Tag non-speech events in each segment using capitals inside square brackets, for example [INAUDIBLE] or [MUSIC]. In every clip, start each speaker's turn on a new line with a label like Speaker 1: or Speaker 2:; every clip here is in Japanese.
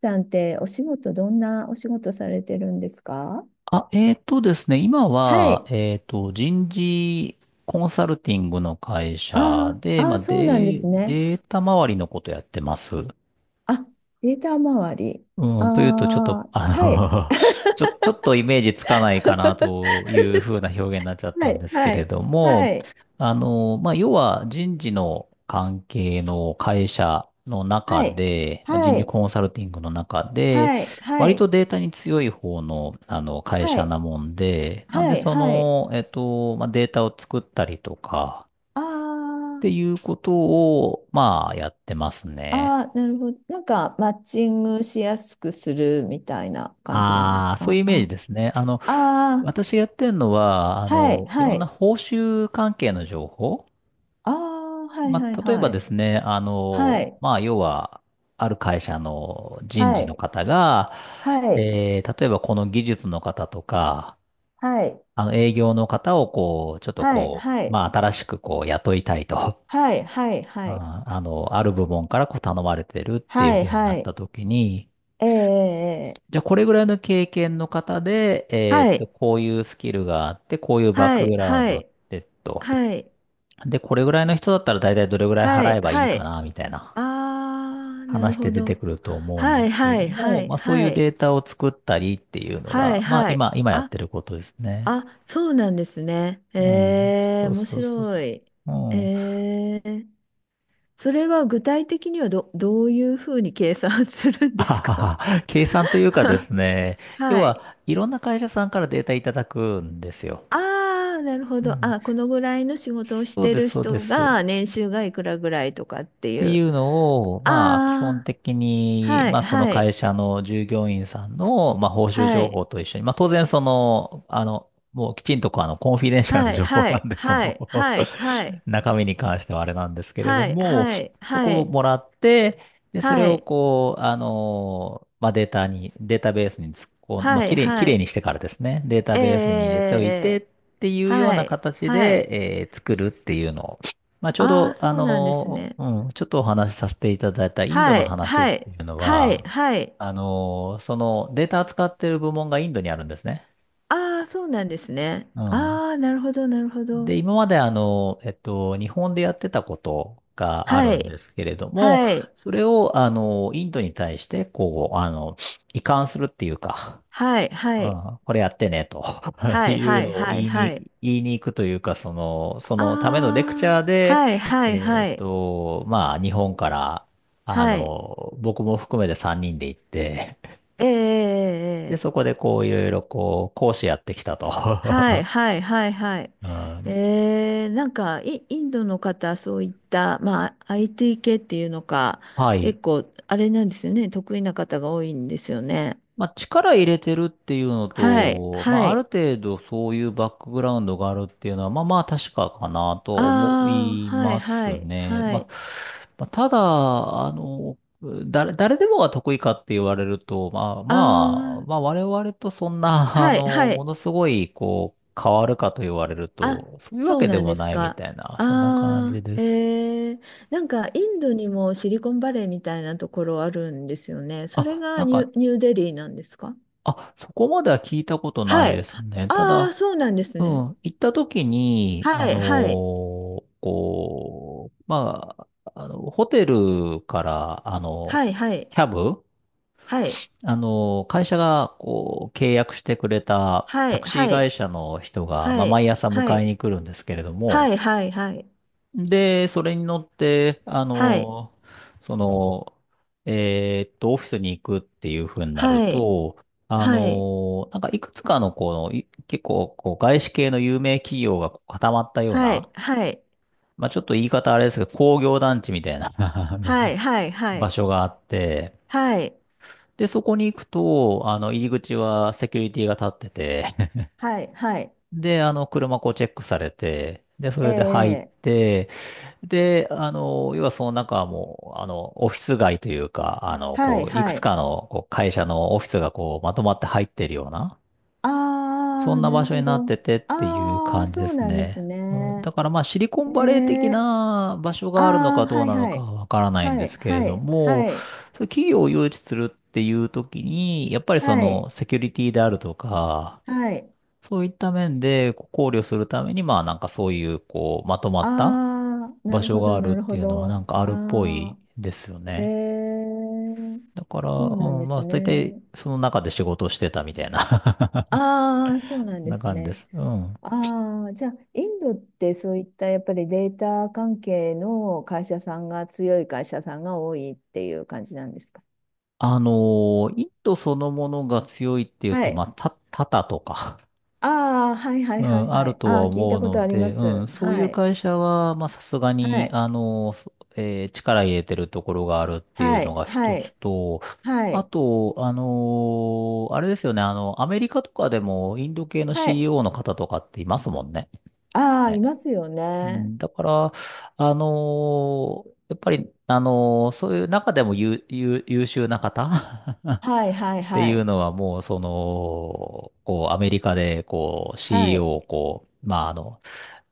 Speaker 1: さんってお仕事、どんなお仕事されてるんですか？
Speaker 2: あ、えーとですね、今
Speaker 1: は
Speaker 2: は、
Speaker 1: い。
Speaker 2: 人事コンサルティングの会
Speaker 1: あ
Speaker 2: 社
Speaker 1: ーあ
Speaker 2: で、ま
Speaker 1: ー、
Speaker 2: あ、
Speaker 1: そうなんですね。
Speaker 2: データ周りのことやってます。
Speaker 1: あ、データ周り。
Speaker 2: うん、というと、ちょっと、
Speaker 1: ああ、はい。
Speaker 2: [LAUGHS] ちょっとイメージつかないかな
Speaker 1: [LAUGHS]
Speaker 2: というふうな表現になっちゃっ
Speaker 1: は
Speaker 2: たん
Speaker 1: い、
Speaker 2: ですけ
Speaker 1: は
Speaker 2: れ
Speaker 1: い、
Speaker 2: ど
Speaker 1: は
Speaker 2: も、
Speaker 1: い、
Speaker 2: まあ、要は人事の関係の会社の中
Speaker 1: はい、
Speaker 2: で、まあ、人
Speaker 1: は
Speaker 2: 事
Speaker 1: い、
Speaker 2: コンサルティングの中で、
Speaker 1: はい、は
Speaker 2: 割と
Speaker 1: い、
Speaker 2: データに強い方の、あの会
Speaker 1: は
Speaker 2: 社な
Speaker 1: い、
Speaker 2: もんで、なん
Speaker 1: は
Speaker 2: で
Speaker 1: い、
Speaker 2: そ
Speaker 1: はい。
Speaker 2: の、まあ、データを作ったりとか、
Speaker 1: あ
Speaker 2: っていうことを、まあ、やってます
Speaker 1: あ、
Speaker 2: ね。
Speaker 1: ああ、なるほど。なんか、マッチングしやすくするみたいな感じなんで
Speaker 2: あ
Speaker 1: す
Speaker 2: あ、そういう
Speaker 1: か
Speaker 2: イメージ
Speaker 1: あ、
Speaker 2: ですね。
Speaker 1: あ
Speaker 2: 私がやってるのは、
Speaker 1: あー、はい、
Speaker 2: い
Speaker 1: は
Speaker 2: ろんな
Speaker 1: い。
Speaker 2: 報酬関係の情報。
Speaker 1: ああ、はい、
Speaker 2: ま
Speaker 1: はい、
Speaker 2: あ、例え
Speaker 1: は
Speaker 2: ばで
Speaker 1: い。
Speaker 2: すね、
Speaker 1: はい、
Speaker 2: まあ、要は、ある会社の人
Speaker 1: は
Speaker 2: 事の
Speaker 1: い。
Speaker 2: 方が、
Speaker 1: はい、
Speaker 2: 例えばこの技術の方とか、
Speaker 1: はい、
Speaker 2: 営業の方をこう、ちょっと
Speaker 1: はい、
Speaker 2: こ
Speaker 1: は
Speaker 2: う、
Speaker 1: い、
Speaker 2: まあ、新しくこう、雇いたいと。
Speaker 1: はい、はい、
Speaker 2: う
Speaker 1: は
Speaker 2: ん
Speaker 1: い、
Speaker 2: ある部門からこう頼まれてるっていう
Speaker 1: はい、
Speaker 2: 風にな
Speaker 1: は
Speaker 2: った
Speaker 1: い、
Speaker 2: 時に、
Speaker 1: ええ、
Speaker 2: じゃあこれぐらいの経験の方で、
Speaker 1: はい、
Speaker 2: こういうスキルがあって、こういうバッ
Speaker 1: は
Speaker 2: ク
Speaker 1: い、
Speaker 2: グラウン
Speaker 1: は
Speaker 2: ドっ
Speaker 1: い、
Speaker 2: てと。
Speaker 1: はい、
Speaker 2: で、これぐらいの人だったら大体どれぐらい
Speaker 1: は
Speaker 2: 払
Speaker 1: い、
Speaker 2: えばいい
Speaker 1: は
Speaker 2: か
Speaker 1: い、
Speaker 2: な、みたいな
Speaker 1: あー、なる
Speaker 2: 話で
Speaker 1: ほ
Speaker 2: 出て
Speaker 1: ど。
Speaker 2: くると思うんで
Speaker 1: はい、
Speaker 2: すけれ
Speaker 1: は
Speaker 2: ど
Speaker 1: い、は
Speaker 2: も、
Speaker 1: い、
Speaker 2: まあそうい
Speaker 1: は
Speaker 2: う
Speaker 1: い、
Speaker 2: データを作ったりっていうの
Speaker 1: は
Speaker 2: が、
Speaker 1: い、
Speaker 2: まあ
Speaker 1: はい、
Speaker 2: 今やっ
Speaker 1: あ、
Speaker 2: てることですね。
Speaker 1: あ、そうなんですね。
Speaker 2: うん。
Speaker 1: え
Speaker 2: そ
Speaker 1: ー、
Speaker 2: う
Speaker 1: 面
Speaker 2: そうそう
Speaker 1: 白
Speaker 2: そ
Speaker 1: い。
Speaker 2: う。うん。
Speaker 1: えー、それは具体的にはどういうふうに計算するんで
Speaker 2: あ
Speaker 1: す
Speaker 2: は
Speaker 1: か？
Speaker 2: は、計算という
Speaker 1: [LAUGHS]
Speaker 2: かですね、要
Speaker 1: は
Speaker 2: は
Speaker 1: い。
Speaker 2: いろんな会社さんからデータいただくんですよ。
Speaker 1: ああ、なるほ
Speaker 2: う
Speaker 1: ど。
Speaker 2: ん。
Speaker 1: あ、このぐらいの仕事をし
Speaker 2: そう
Speaker 1: て
Speaker 2: で
Speaker 1: る
Speaker 2: す、そうで
Speaker 1: 人
Speaker 2: す。
Speaker 1: が年収がいくらぐらいとかっ
Speaker 2: っ
Speaker 1: てい
Speaker 2: てい
Speaker 1: う。
Speaker 2: うのを、まあ、基本
Speaker 1: ああ、
Speaker 2: 的に、
Speaker 1: はい、
Speaker 2: まあ、その
Speaker 1: は
Speaker 2: 会
Speaker 1: い、
Speaker 2: 社の従業員さんの、まあ、報酬
Speaker 1: は
Speaker 2: 情報
Speaker 1: い、
Speaker 2: と一緒に、まあ、当然、その、もうきちんとこうコンフィデンシャルな
Speaker 1: はい、
Speaker 2: 情報
Speaker 1: は
Speaker 2: なん
Speaker 1: い、
Speaker 2: で、そ
Speaker 1: は
Speaker 2: の
Speaker 1: い、
Speaker 2: [LAUGHS]
Speaker 1: はい、はい、
Speaker 2: 中身に関してはあれなんですけれど
Speaker 1: はい、
Speaker 2: も、
Speaker 1: は
Speaker 2: そこを
Speaker 1: い、
Speaker 2: もらって、で、そ
Speaker 1: は
Speaker 2: れ
Speaker 1: い、は
Speaker 2: を
Speaker 1: い、
Speaker 2: こう、まあ、データベースに突っ込ん、まあ、
Speaker 1: はい、
Speaker 2: き
Speaker 1: は
Speaker 2: れい
Speaker 1: い、
Speaker 2: にしてからですね、データベースに
Speaker 1: え
Speaker 2: 入れておいてっ
Speaker 1: え、
Speaker 2: ていうよう
Speaker 1: は
Speaker 2: な
Speaker 1: い、
Speaker 2: 形
Speaker 1: はい。
Speaker 2: で、作るっていうのを、まあ、ちょう
Speaker 1: ああ、
Speaker 2: ど、
Speaker 1: そうなんですね。
Speaker 2: うん、ちょっとお話しさせていただいたインド
Speaker 1: は
Speaker 2: の
Speaker 1: い、
Speaker 2: 話っ
Speaker 1: はい、
Speaker 2: ていうの
Speaker 1: はい、
Speaker 2: は、
Speaker 1: はい。
Speaker 2: そのデータ扱ってる部門がインドにあるんですね。
Speaker 1: ああ、そうなんですね。
Speaker 2: うん。
Speaker 1: ああ、なるほど、なるほど。
Speaker 2: で、今まで日本でやってたことがあ
Speaker 1: は
Speaker 2: るんで
Speaker 1: い、
Speaker 2: すけれども、
Speaker 1: はい、
Speaker 2: それを、インドに対して、こう、移管するっていうか、
Speaker 1: はい、は
Speaker 2: う
Speaker 1: い。
Speaker 2: ん、これやってね、と [LAUGHS]
Speaker 1: はい
Speaker 2: いう
Speaker 1: はい
Speaker 2: のを
Speaker 1: はいはい。
Speaker 2: 言いに行くというか、その、そ
Speaker 1: あ
Speaker 2: のためのレクチャー
Speaker 1: あ、
Speaker 2: で、
Speaker 1: はいはいはい。
Speaker 2: まあ、日本から、
Speaker 1: はい。
Speaker 2: 僕も含めて3人で行って、
Speaker 1: えええ
Speaker 2: で、
Speaker 1: え
Speaker 2: そ
Speaker 1: ええ
Speaker 2: こでこう、いろいろこう、講師やってきたと。
Speaker 1: はい
Speaker 2: [LAUGHS]
Speaker 1: はいはいはい。
Speaker 2: うん、
Speaker 1: えー、なんかインドの方、そういった、まあ、IT 系っていうのか、
Speaker 2: はい。
Speaker 1: 結構、あれなんですよね、得意な方が多いんですよね。
Speaker 2: まあ、力入れてるっていうの
Speaker 1: はい、
Speaker 2: と、ま
Speaker 1: は
Speaker 2: あ、ある
Speaker 1: い。
Speaker 2: 程度そういうバックグラウンドがあるっていうのは、まあまあ確かかなとは思
Speaker 1: あ
Speaker 2: い
Speaker 1: あ、は
Speaker 2: ま
Speaker 1: い、は
Speaker 2: す
Speaker 1: い、
Speaker 2: ね。
Speaker 1: は
Speaker 2: まあ、
Speaker 1: い。
Speaker 2: まあ、ただ、あの、誰でもが得意かって言われると、まあ
Speaker 1: あ
Speaker 2: まあ、まあ
Speaker 1: あ、
Speaker 2: 我々とそんな、[LAUGHS]
Speaker 1: はい、は
Speaker 2: も
Speaker 1: い。
Speaker 2: のすごい、こう、変わるかと言われる
Speaker 1: あ、
Speaker 2: と、そういうわ
Speaker 1: そう
Speaker 2: けで
Speaker 1: なん
Speaker 2: も
Speaker 1: です
Speaker 2: ないみた
Speaker 1: か。
Speaker 2: いな、そんな感
Speaker 1: あ
Speaker 2: じ
Speaker 1: あ、
Speaker 2: です。
Speaker 1: えー、なんかインドにもシリコンバレーみたいなところあるんですよね。それ
Speaker 2: あ、な
Speaker 1: が
Speaker 2: んか、
Speaker 1: ニューデリーなんですか？
Speaker 2: あ、そこまでは聞いたことない
Speaker 1: は
Speaker 2: で
Speaker 1: い。
Speaker 2: すね。た
Speaker 1: ああー、
Speaker 2: だ、
Speaker 1: そうなんです
Speaker 2: うん、
Speaker 1: ね。
Speaker 2: 行った時に、
Speaker 1: はい、はい、
Speaker 2: こう、まあ、ホテルから、
Speaker 1: はい、はい、
Speaker 2: キャブ、
Speaker 1: はい、
Speaker 2: 会社が、こう、契約してくれた
Speaker 1: は
Speaker 2: タ
Speaker 1: い、
Speaker 2: クシー
Speaker 1: は
Speaker 2: 会
Speaker 1: い、
Speaker 2: 社の人が、ま
Speaker 1: は
Speaker 2: あ、
Speaker 1: い、
Speaker 2: 毎朝迎えに来るんですけれども、
Speaker 1: はい、はい、
Speaker 2: で、それに乗って、
Speaker 1: はい、
Speaker 2: その、オフィスに行くっていう風になる
Speaker 1: はい、
Speaker 2: と、
Speaker 1: はい、
Speaker 2: なんかいくつかのこの、結構こう外資系の有名企業がこう固まったよう
Speaker 1: は
Speaker 2: な、
Speaker 1: い、はい、
Speaker 2: まあちょっと言い方あれですけど、工業団地みたいな [LAUGHS] あの
Speaker 1: はい、はい、は
Speaker 2: 場
Speaker 1: い、
Speaker 2: 所があって、
Speaker 1: はい、
Speaker 2: で、そこに行くと、入り口はセキュリティが立ってて、
Speaker 1: はい、はい、はい、はい、
Speaker 2: で、車こうチェックされて、で、それで入っ
Speaker 1: え
Speaker 2: て、で、要はその中はもう、オフィス街というか、
Speaker 1: ー、はい、
Speaker 2: こう、いく
Speaker 1: は
Speaker 2: つ
Speaker 1: い、
Speaker 2: かのこう会社のオフィスがこう、まとまって入ってるような、そ
Speaker 1: あ
Speaker 2: ん
Speaker 1: あ、
Speaker 2: な
Speaker 1: な
Speaker 2: 場
Speaker 1: る
Speaker 2: 所に
Speaker 1: ほ
Speaker 2: なっ
Speaker 1: ど。
Speaker 2: ててっていう
Speaker 1: ああ、
Speaker 2: 感じで
Speaker 1: そう
Speaker 2: す
Speaker 1: なんです
Speaker 2: ね。うんだ
Speaker 1: ね。
Speaker 2: からまあ、シリコンバレー的
Speaker 1: ねえ。
Speaker 2: な場所
Speaker 1: あ
Speaker 2: があるのか
Speaker 1: あ、
Speaker 2: ど
Speaker 1: は
Speaker 2: う
Speaker 1: い
Speaker 2: なの
Speaker 1: は
Speaker 2: か
Speaker 1: い。
Speaker 2: はわからないん
Speaker 1: は
Speaker 2: で
Speaker 1: い、
Speaker 2: すけれ
Speaker 1: は
Speaker 2: ど
Speaker 1: い、
Speaker 2: も、
Speaker 1: はい、
Speaker 2: そう企業を誘致するっていう時に、やっぱりそ
Speaker 1: は
Speaker 2: の、
Speaker 1: い、
Speaker 2: セキュリティであるとか、
Speaker 1: はい。
Speaker 2: そういった面でこう考慮するために、まあなんかそういう、こう、まとまった、
Speaker 1: ああ、な
Speaker 2: 場
Speaker 1: る
Speaker 2: 所
Speaker 1: ほ
Speaker 2: が
Speaker 1: ど、
Speaker 2: ある
Speaker 1: な
Speaker 2: っ
Speaker 1: る
Speaker 2: て
Speaker 1: ほ
Speaker 2: いうのはなん
Speaker 1: ど。
Speaker 2: かあるっぽい
Speaker 1: あ
Speaker 2: ですよ
Speaker 1: あ、え
Speaker 2: ね。
Speaker 1: え、
Speaker 2: だから、
Speaker 1: そうなん
Speaker 2: う
Speaker 1: で
Speaker 2: ん、ま
Speaker 1: す
Speaker 2: あ、大体
Speaker 1: ね。
Speaker 2: その中で仕事をしてたみたいな
Speaker 1: ああ、そうな
Speaker 2: [LAUGHS]
Speaker 1: んで
Speaker 2: な
Speaker 1: す
Speaker 2: 感じで
Speaker 1: ね。
Speaker 2: す。うん。
Speaker 1: ああ、じゃあ、インドってそういったやっぱりデータ関係の会社さんが強い会社さんが多いっていう感じなんですか？
Speaker 2: あのインドそのものが強いっていう
Speaker 1: は
Speaker 2: と、ま
Speaker 1: い。
Speaker 2: あ、タタとか、
Speaker 1: ああ、はいは
Speaker 2: う
Speaker 1: いはい
Speaker 2: ん、あ
Speaker 1: は
Speaker 2: る
Speaker 1: い。
Speaker 2: と
Speaker 1: あ
Speaker 2: は
Speaker 1: あ、聞い
Speaker 2: 思
Speaker 1: た
Speaker 2: う
Speaker 1: こと
Speaker 2: の
Speaker 1: ありま
Speaker 2: で、うん、
Speaker 1: す。
Speaker 2: そうい
Speaker 1: は
Speaker 2: う
Speaker 1: い。
Speaker 2: 会社は、まあ、さすが
Speaker 1: は
Speaker 2: に、
Speaker 1: い。
Speaker 2: そえー力入れてるところがあるっていう
Speaker 1: は
Speaker 2: の
Speaker 1: い。
Speaker 2: が
Speaker 1: は
Speaker 2: 一つ
Speaker 1: い。
Speaker 2: と、
Speaker 1: は
Speaker 2: あ
Speaker 1: い。
Speaker 2: と、あれですよね、アメリカとかでもインド系の
Speaker 1: はい。
Speaker 2: CEO の方とかっていますもんね。
Speaker 1: ああ、い
Speaker 2: ね
Speaker 1: ますよ
Speaker 2: う
Speaker 1: ね。
Speaker 2: んだから、やっぱり、そういう中でも優秀な方 [LAUGHS]
Speaker 1: はいはい
Speaker 2: って
Speaker 1: は
Speaker 2: いう
Speaker 1: い。
Speaker 2: のはもう、その、こう、アメリカで、こう、
Speaker 1: は
Speaker 2: CEO
Speaker 1: い。
Speaker 2: を、こう、まあ、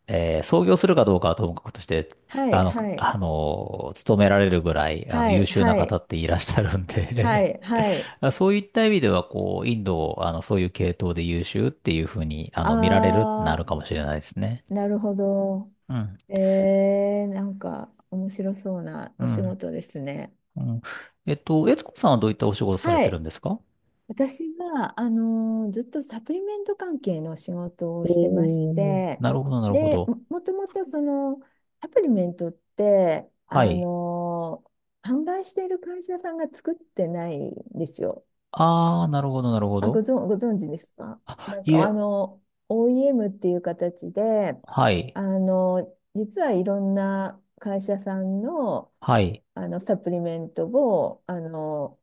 Speaker 2: 創業するかどうかはともかくとして、つ
Speaker 1: は
Speaker 2: あ
Speaker 1: い
Speaker 2: の、
Speaker 1: はい。
Speaker 2: 勤められるぐらい、
Speaker 1: は
Speaker 2: 優
Speaker 1: い。
Speaker 2: 秀な
Speaker 1: は
Speaker 2: 方
Speaker 1: い。
Speaker 2: っていらっしゃるん
Speaker 1: は
Speaker 2: で
Speaker 1: い。はい。
Speaker 2: [LAUGHS] そういった意味では、こう、インドを、そういう系統で優秀っていうふうに、見られるってな
Speaker 1: あ
Speaker 2: る
Speaker 1: あ、
Speaker 2: かもしれないですね。
Speaker 1: なるほど。
Speaker 2: うん。
Speaker 1: えー、なんか面白そうな
Speaker 2: う
Speaker 1: お仕
Speaker 2: ん。
Speaker 1: 事ですね。
Speaker 2: うん。悦子さんはどういったお仕事され
Speaker 1: は
Speaker 2: てるん
Speaker 1: い。
Speaker 2: ですか？
Speaker 1: 私が、ずっとサプリメント関係の仕事をしてまし
Speaker 2: おー、
Speaker 1: て、
Speaker 2: なるほど、なるほ
Speaker 1: で、
Speaker 2: ど。
Speaker 1: もともとそのサプリメントって、
Speaker 2: はい。
Speaker 1: 販売している会社さんが作ってないんですよ。
Speaker 2: あー、なるほど、なるほ
Speaker 1: あ、
Speaker 2: ど。
Speaker 1: ご存知ですか？
Speaker 2: あ、
Speaker 1: なん
Speaker 2: い
Speaker 1: か、あ
Speaker 2: え、
Speaker 1: の、OEM っていう形で、
Speaker 2: はい、
Speaker 1: あの、実はいろんな会社さんの、
Speaker 2: はい。
Speaker 1: あのサプリメントをあの、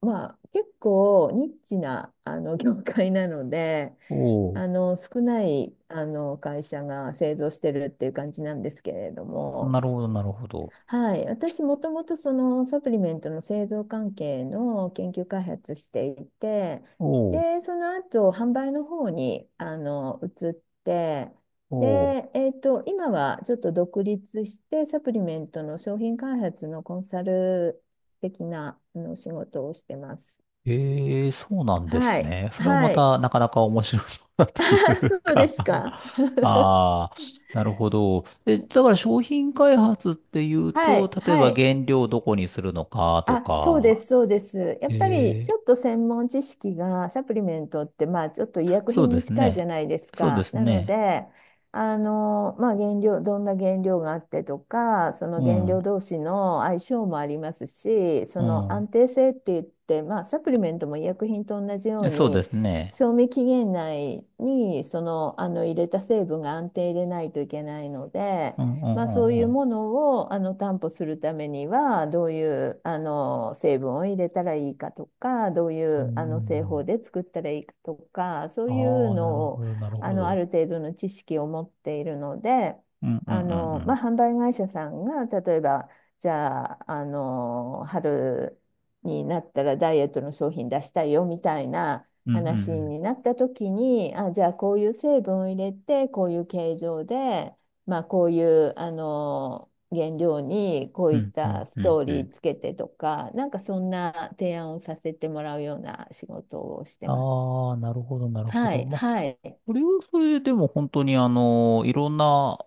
Speaker 1: まあ、結構ニッチなあの [LAUGHS] 業界なので、
Speaker 2: おー、
Speaker 1: あの少ないあの会社が製造してるっていう感じなんですけれども。
Speaker 2: なるほど、なるほど。
Speaker 1: はい、私もともとそのサプリメントの製造関係の研究開発していて、
Speaker 2: おー、
Speaker 1: でその後販売の方にあの移って、
Speaker 2: おー。
Speaker 1: で、今はちょっと独立してサプリメントの商品開発のコンサル的なあの仕事をしてます。
Speaker 2: えー、そうなんで
Speaker 1: は
Speaker 2: す
Speaker 1: い、
Speaker 2: ね。それもま
Speaker 1: はい、
Speaker 2: た、なかなか面白そうだという
Speaker 1: [LAUGHS] そうで
Speaker 2: か
Speaker 1: すか。[LAUGHS]
Speaker 2: あー、なるほど。え、だから商品開発っていう
Speaker 1: は
Speaker 2: と、
Speaker 1: い、
Speaker 2: 例え
Speaker 1: は
Speaker 2: ば
Speaker 1: い。
Speaker 2: 原料をどこにするのかと
Speaker 1: あ、そうで
Speaker 2: か、
Speaker 1: す、そうです。やっぱり
Speaker 2: え
Speaker 1: ちょっと専門知識がサプリメントって、まあ、ちょっと医薬
Speaker 2: そう
Speaker 1: 品
Speaker 2: で
Speaker 1: に
Speaker 2: す
Speaker 1: 近いじゃ
Speaker 2: ね。
Speaker 1: ないです
Speaker 2: そうで
Speaker 1: か。
Speaker 2: す
Speaker 1: なの
Speaker 2: ね。
Speaker 1: で、あの、まあ、原料、どんな原料があってとか、その
Speaker 2: う
Speaker 1: 原
Speaker 2: ん。
Speaker 1: 料同士の相性もありますし、その
Speaker 2: う
Speaker 1: 安定性って言って、まあ、サプリメントも医薬品と同じよ
Speaker 2: ん。
Speaker 1: う
Speaker 2: そうで
Speaker 1: に、
Speaker 2: すね。
Speaker 1: 賞味期限内にその、あの入れた成分が安定でないといけないので、
Speaker 2: うんうん
Speaker 1: まあ、そうい
Speaker 2: うん
Speaker 1: う
Speaker 2: うん。
Speaker 1: ものをあの担保するためにはどういうあの成分を入れたらいいかとかどうい
Speaker 2: うんう
Speaker 1: うあの製法
Speaker 2: ん
Speaker 1: で作ったらいいかとかそ
Speaker 2: うん。
Speaker 1: ういう
Speaker 2: ああ、
Speaker 1: の
Speaker 2: なるほ
Speaker 1: を、
Speaker 2: ど、なる
Speaker 1: あ
Speaker 2: ほ
Speaker 1: のあ
Speaker 2: ど。
Speaker 1: る程度の知識を持っているので、
Speaker 2: うんうん
Speaker 1: あ
Speaker 2: うんう
Speaker 1: の、まあ、
Speaker 2: ん。
Speaker 1: 販売会社さんが例えば、じゃあ、あの春になったらダイエットの商品出したいよみたいな
Speaker 2: うんう
Speaker 1: 話
Speaker 2: ん
Speaker 1: になった時に、あじゃあこういう成分を入れてこういう形状で。まあ、こういうあの原料にこう
Speaker 2: う
Speaker 1: いっ
Speaker 2: ん。うん
Speaker 1: たス
Speaker 2: うんうん
Speaker 1: トー
Speaker 2: う
Speaker 1: リ
Speaker 2: ん。
Speaker 1: ーつけてとか、なんかそんな提案をさせてもらうような仕事をしてます。
Speaker 2: ああ、なるほど、なるほ
Speaker 1: は
Speaker 2: ど。
Speaker 1: い、
Speaker 2: まあ、
Speaker 1: はい。
Speaker 2: それはそれでも本当にいろんな、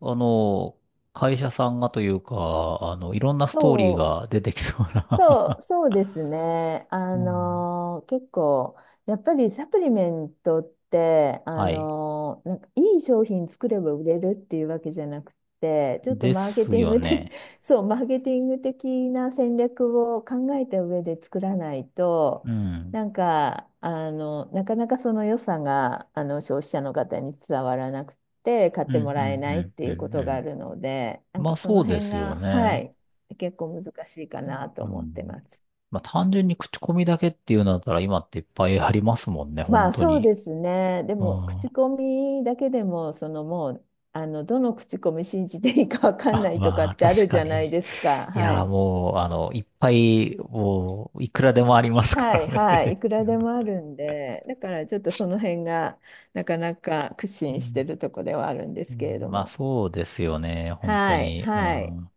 Speaker 2: あの、会社さんがというか、いろんなストーリー
Speaker 1: そう
Speaker 2: が出てきそう
Speaker 1: そ
Speaker 2: な
Speaker 1: う、
Speaker 2: [LAUGHS]
Speaker 1: そうですね。
Speaker 2: うん、
Speaker 1: 結構、やっぱりサプリメントって、
Speaker 2: はい。
Speaker 1: なんかいい商品作れば売れるっていうわけじゃなくて、ちょっと
Speaker 2: で
Speaker 1: マーケ
Speaker 2: す
Speaker 1: ティン
Speaker 2: よ
Speaker 1: グ的、
Speaker 2: ね。
Speaker 1: [LAUGHS] そう、マーケティング的な戦略を考えた上で作らないと、
Speaker 2: うん。
Speaker 1: なんか、あの、なかなかその良さが、あの、消費者の方に伝わらなくて、買っ
Speaker 2: うん
Speaker 1: ても
Speaker 2: う
Speaker 1: らえ
Speaker 2: ん
Speaker 1: ないって
Speaker 2: うん
Speaker 1: い
Speaker 2: う
Speaker 1: うこ
Speaker 2: んう
Speaker 1: とがあ
Speaker 2: ん。
Speaker 1: るので、なん
Speaker 2: まあ
Speaker 1: かそ
Speaker 2: そ
Speaker 1: の
Speaker 2: うで
Speaker 1: 辺
Speaker 2: すよ
Speaker 1: が、は
Speaker 2: ね。
Speaker 1: い。結構難しいかなと
Speaker 2: う
Speaker 1: 思って
Speaker 2: ん。
Speaker 1: ます。
Speaker 2: まあ単純に口コミだけっていうんだったら今っていっぱいありますもんね、
Speaker 1: ま
Speaker 2: 本
Speaker 1: あ
Speaker 2: 当
Speaker 1: そう
Speaker 2: に。
Speaker 1: ですね。で
Speaker 2: うん。
Speaker 1: も口
Speaker 2: あ、
Speaker 1: コミだけでもそのもう、あのどの口コミ信じていいかわかんないとか
Speaker 2: まあ
Speaker 1: ってある
Speaker 2: 確
Speaker 1: じ
Speaker 2: か
Speaker 1: ゃない
Speaker 2: に。
Speaker 1: ですか。
Speaker 2: い
Speaker 1: は
Speaker 2: や、
Speaker 1: い。
Speaker 2: もう、いっぱい、もう、いくらでもありますか
Speaker 1: は
Speaker 2: ら
Speaker 1: いはい。い
Speaker 2: ね。
Speaker 1: くらで
Speaker 2: [LAUGHS]
Speaker 1: もあるんで、だからちょっとその辺がなかなか苦
Speaker 2: う
Speaker 1: 心して
Speaker 2: ん
Speaker 1: るとこではあるんで
Speaker 2: う
Speaker 1: すけれ
Speaker 2: ん
Speaker 1: ど
Speaker 2: まあ
Speaker 1: も。
Speaker 2: そうですよね、本当
Speaker 1: はい
Speaker 2: に。う
Speaker 1: はい
Speaker 2: ん。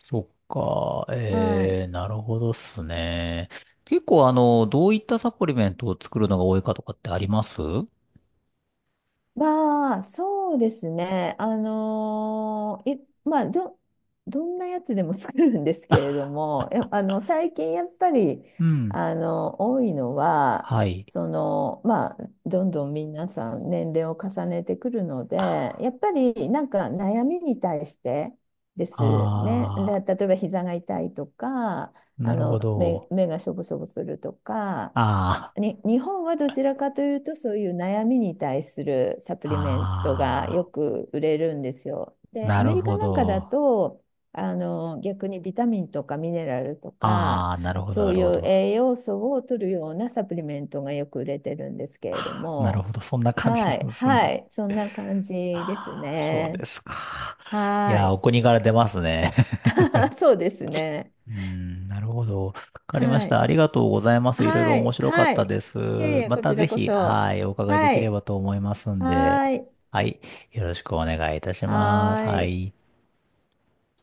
Speaker 2: そっか、
Speaker 1: はい。
Speaker 2: えー、なるほどっすね。結構どういったサプリメントを作るのが多いかとかってあります？
Speaker 1: まあ、そうですね。あのーい、まあ、どんなやつでも作るんですけれども、あの、最近やっぱり、
Speaker 2: うん。
Speaker 1: あの、多いのは、
Speaker 2: はい。
Speaker 1: その、まあ、どんどん皆さん年齢を重ねてくるので、
Speaker 2: あ
Speaker 1: やっぱりなんか悩みに対してですね。
Speaker 2: あ
Speaker 1: で、例えば膝が痛いとか、
Speaker 2: ー、
Speaker 1: あ
Speaker 2: なるほ
Speaker 1: の、
Speaker 2: ど。
Speaker 1: 目がしょぼしょぼするとか、
Speaker 2: あ
Speaker 1: に、日本はどちらかというと、そういう悩みに対するサプ
Speaker 2: あ、
Speaker 1: リメントがよ
Speaker 2: ああ、
Speaker 1: く売れるんですよ。で、
Speaker 2: な
Speaker 1: アメ
Speaker 2: る
Speaker 1: リカ
Speaker 2: ほ
Speaker 1: なんかだ
Speaker 2: ど。
Speaker 1: と、あの、逆にビタミンとかミネラルとか、
Speaker 2: ああ、なるほど、
Speaker 1: そ
Speaker 2: な
Speaker 1: う
Speaker 2: る
Speaker 1: い
Speaker 2: ほ
Speaker 1: う
Speaker 2: ど。
Speaker 1: 栄養素を取るようなサプリメントがよく売れてるんですけれど
Speaker 2: なる
Speaker 1: も、
Speaker 2: ほど、そんな感じ
Speaker 1: は
Speaker 2: なん
Speaker 1: い、
Speaker 2: です
Speaker 1: は
Speaker 2: ね。
Speaker 1: い、そんな感じです
Speaker 2: ああ、そうで
Speaker 1: ね。
Speaker 2: すか。い
Speaker 1: は
Speaker 2: やー、
Speaker 1: い
Speaker 2: お国から出ますね。
Speaker 1: [LAUGHS]。そうですね。
Speaker 2: [LAUGHS] うーん、なるほど。わかりまし
Speaker 1: は
Speaker 2: た。あ
Speaker 1: い。
Speaker 2: りがとうございます。いろいろ
Speaker 1: は
Speaker 2: 面
Speaker 1: い。
Speaker 2: 白かっ
Speaker 1: は
Speaker 2: た
Speaker 1: い。
Speaker 2: です。
Speaker 1: いえいえ、
Speaker 2: ま
Speaker 1: こ
Speaker 2: た
Speaker 1: ち
Speaker 2: ぜ
Speaker 1: らこ
Speaker 2: ひ、
Speaker 1: そ。
Speaker 2: はい、お伺いで
Speaker 1: は
Speaker 2: きれ
Speaker 1: い。
Speaker 2: ばと思いますん
Speaker 1: は
Speaker 2: で。
Speaker 1: ーい。
Speaker 2: はい、よろしくお願いいたしま
Speaker 1: は
Speaker 2: す。は
Speaker 1: ーい。
Speaker 2: い。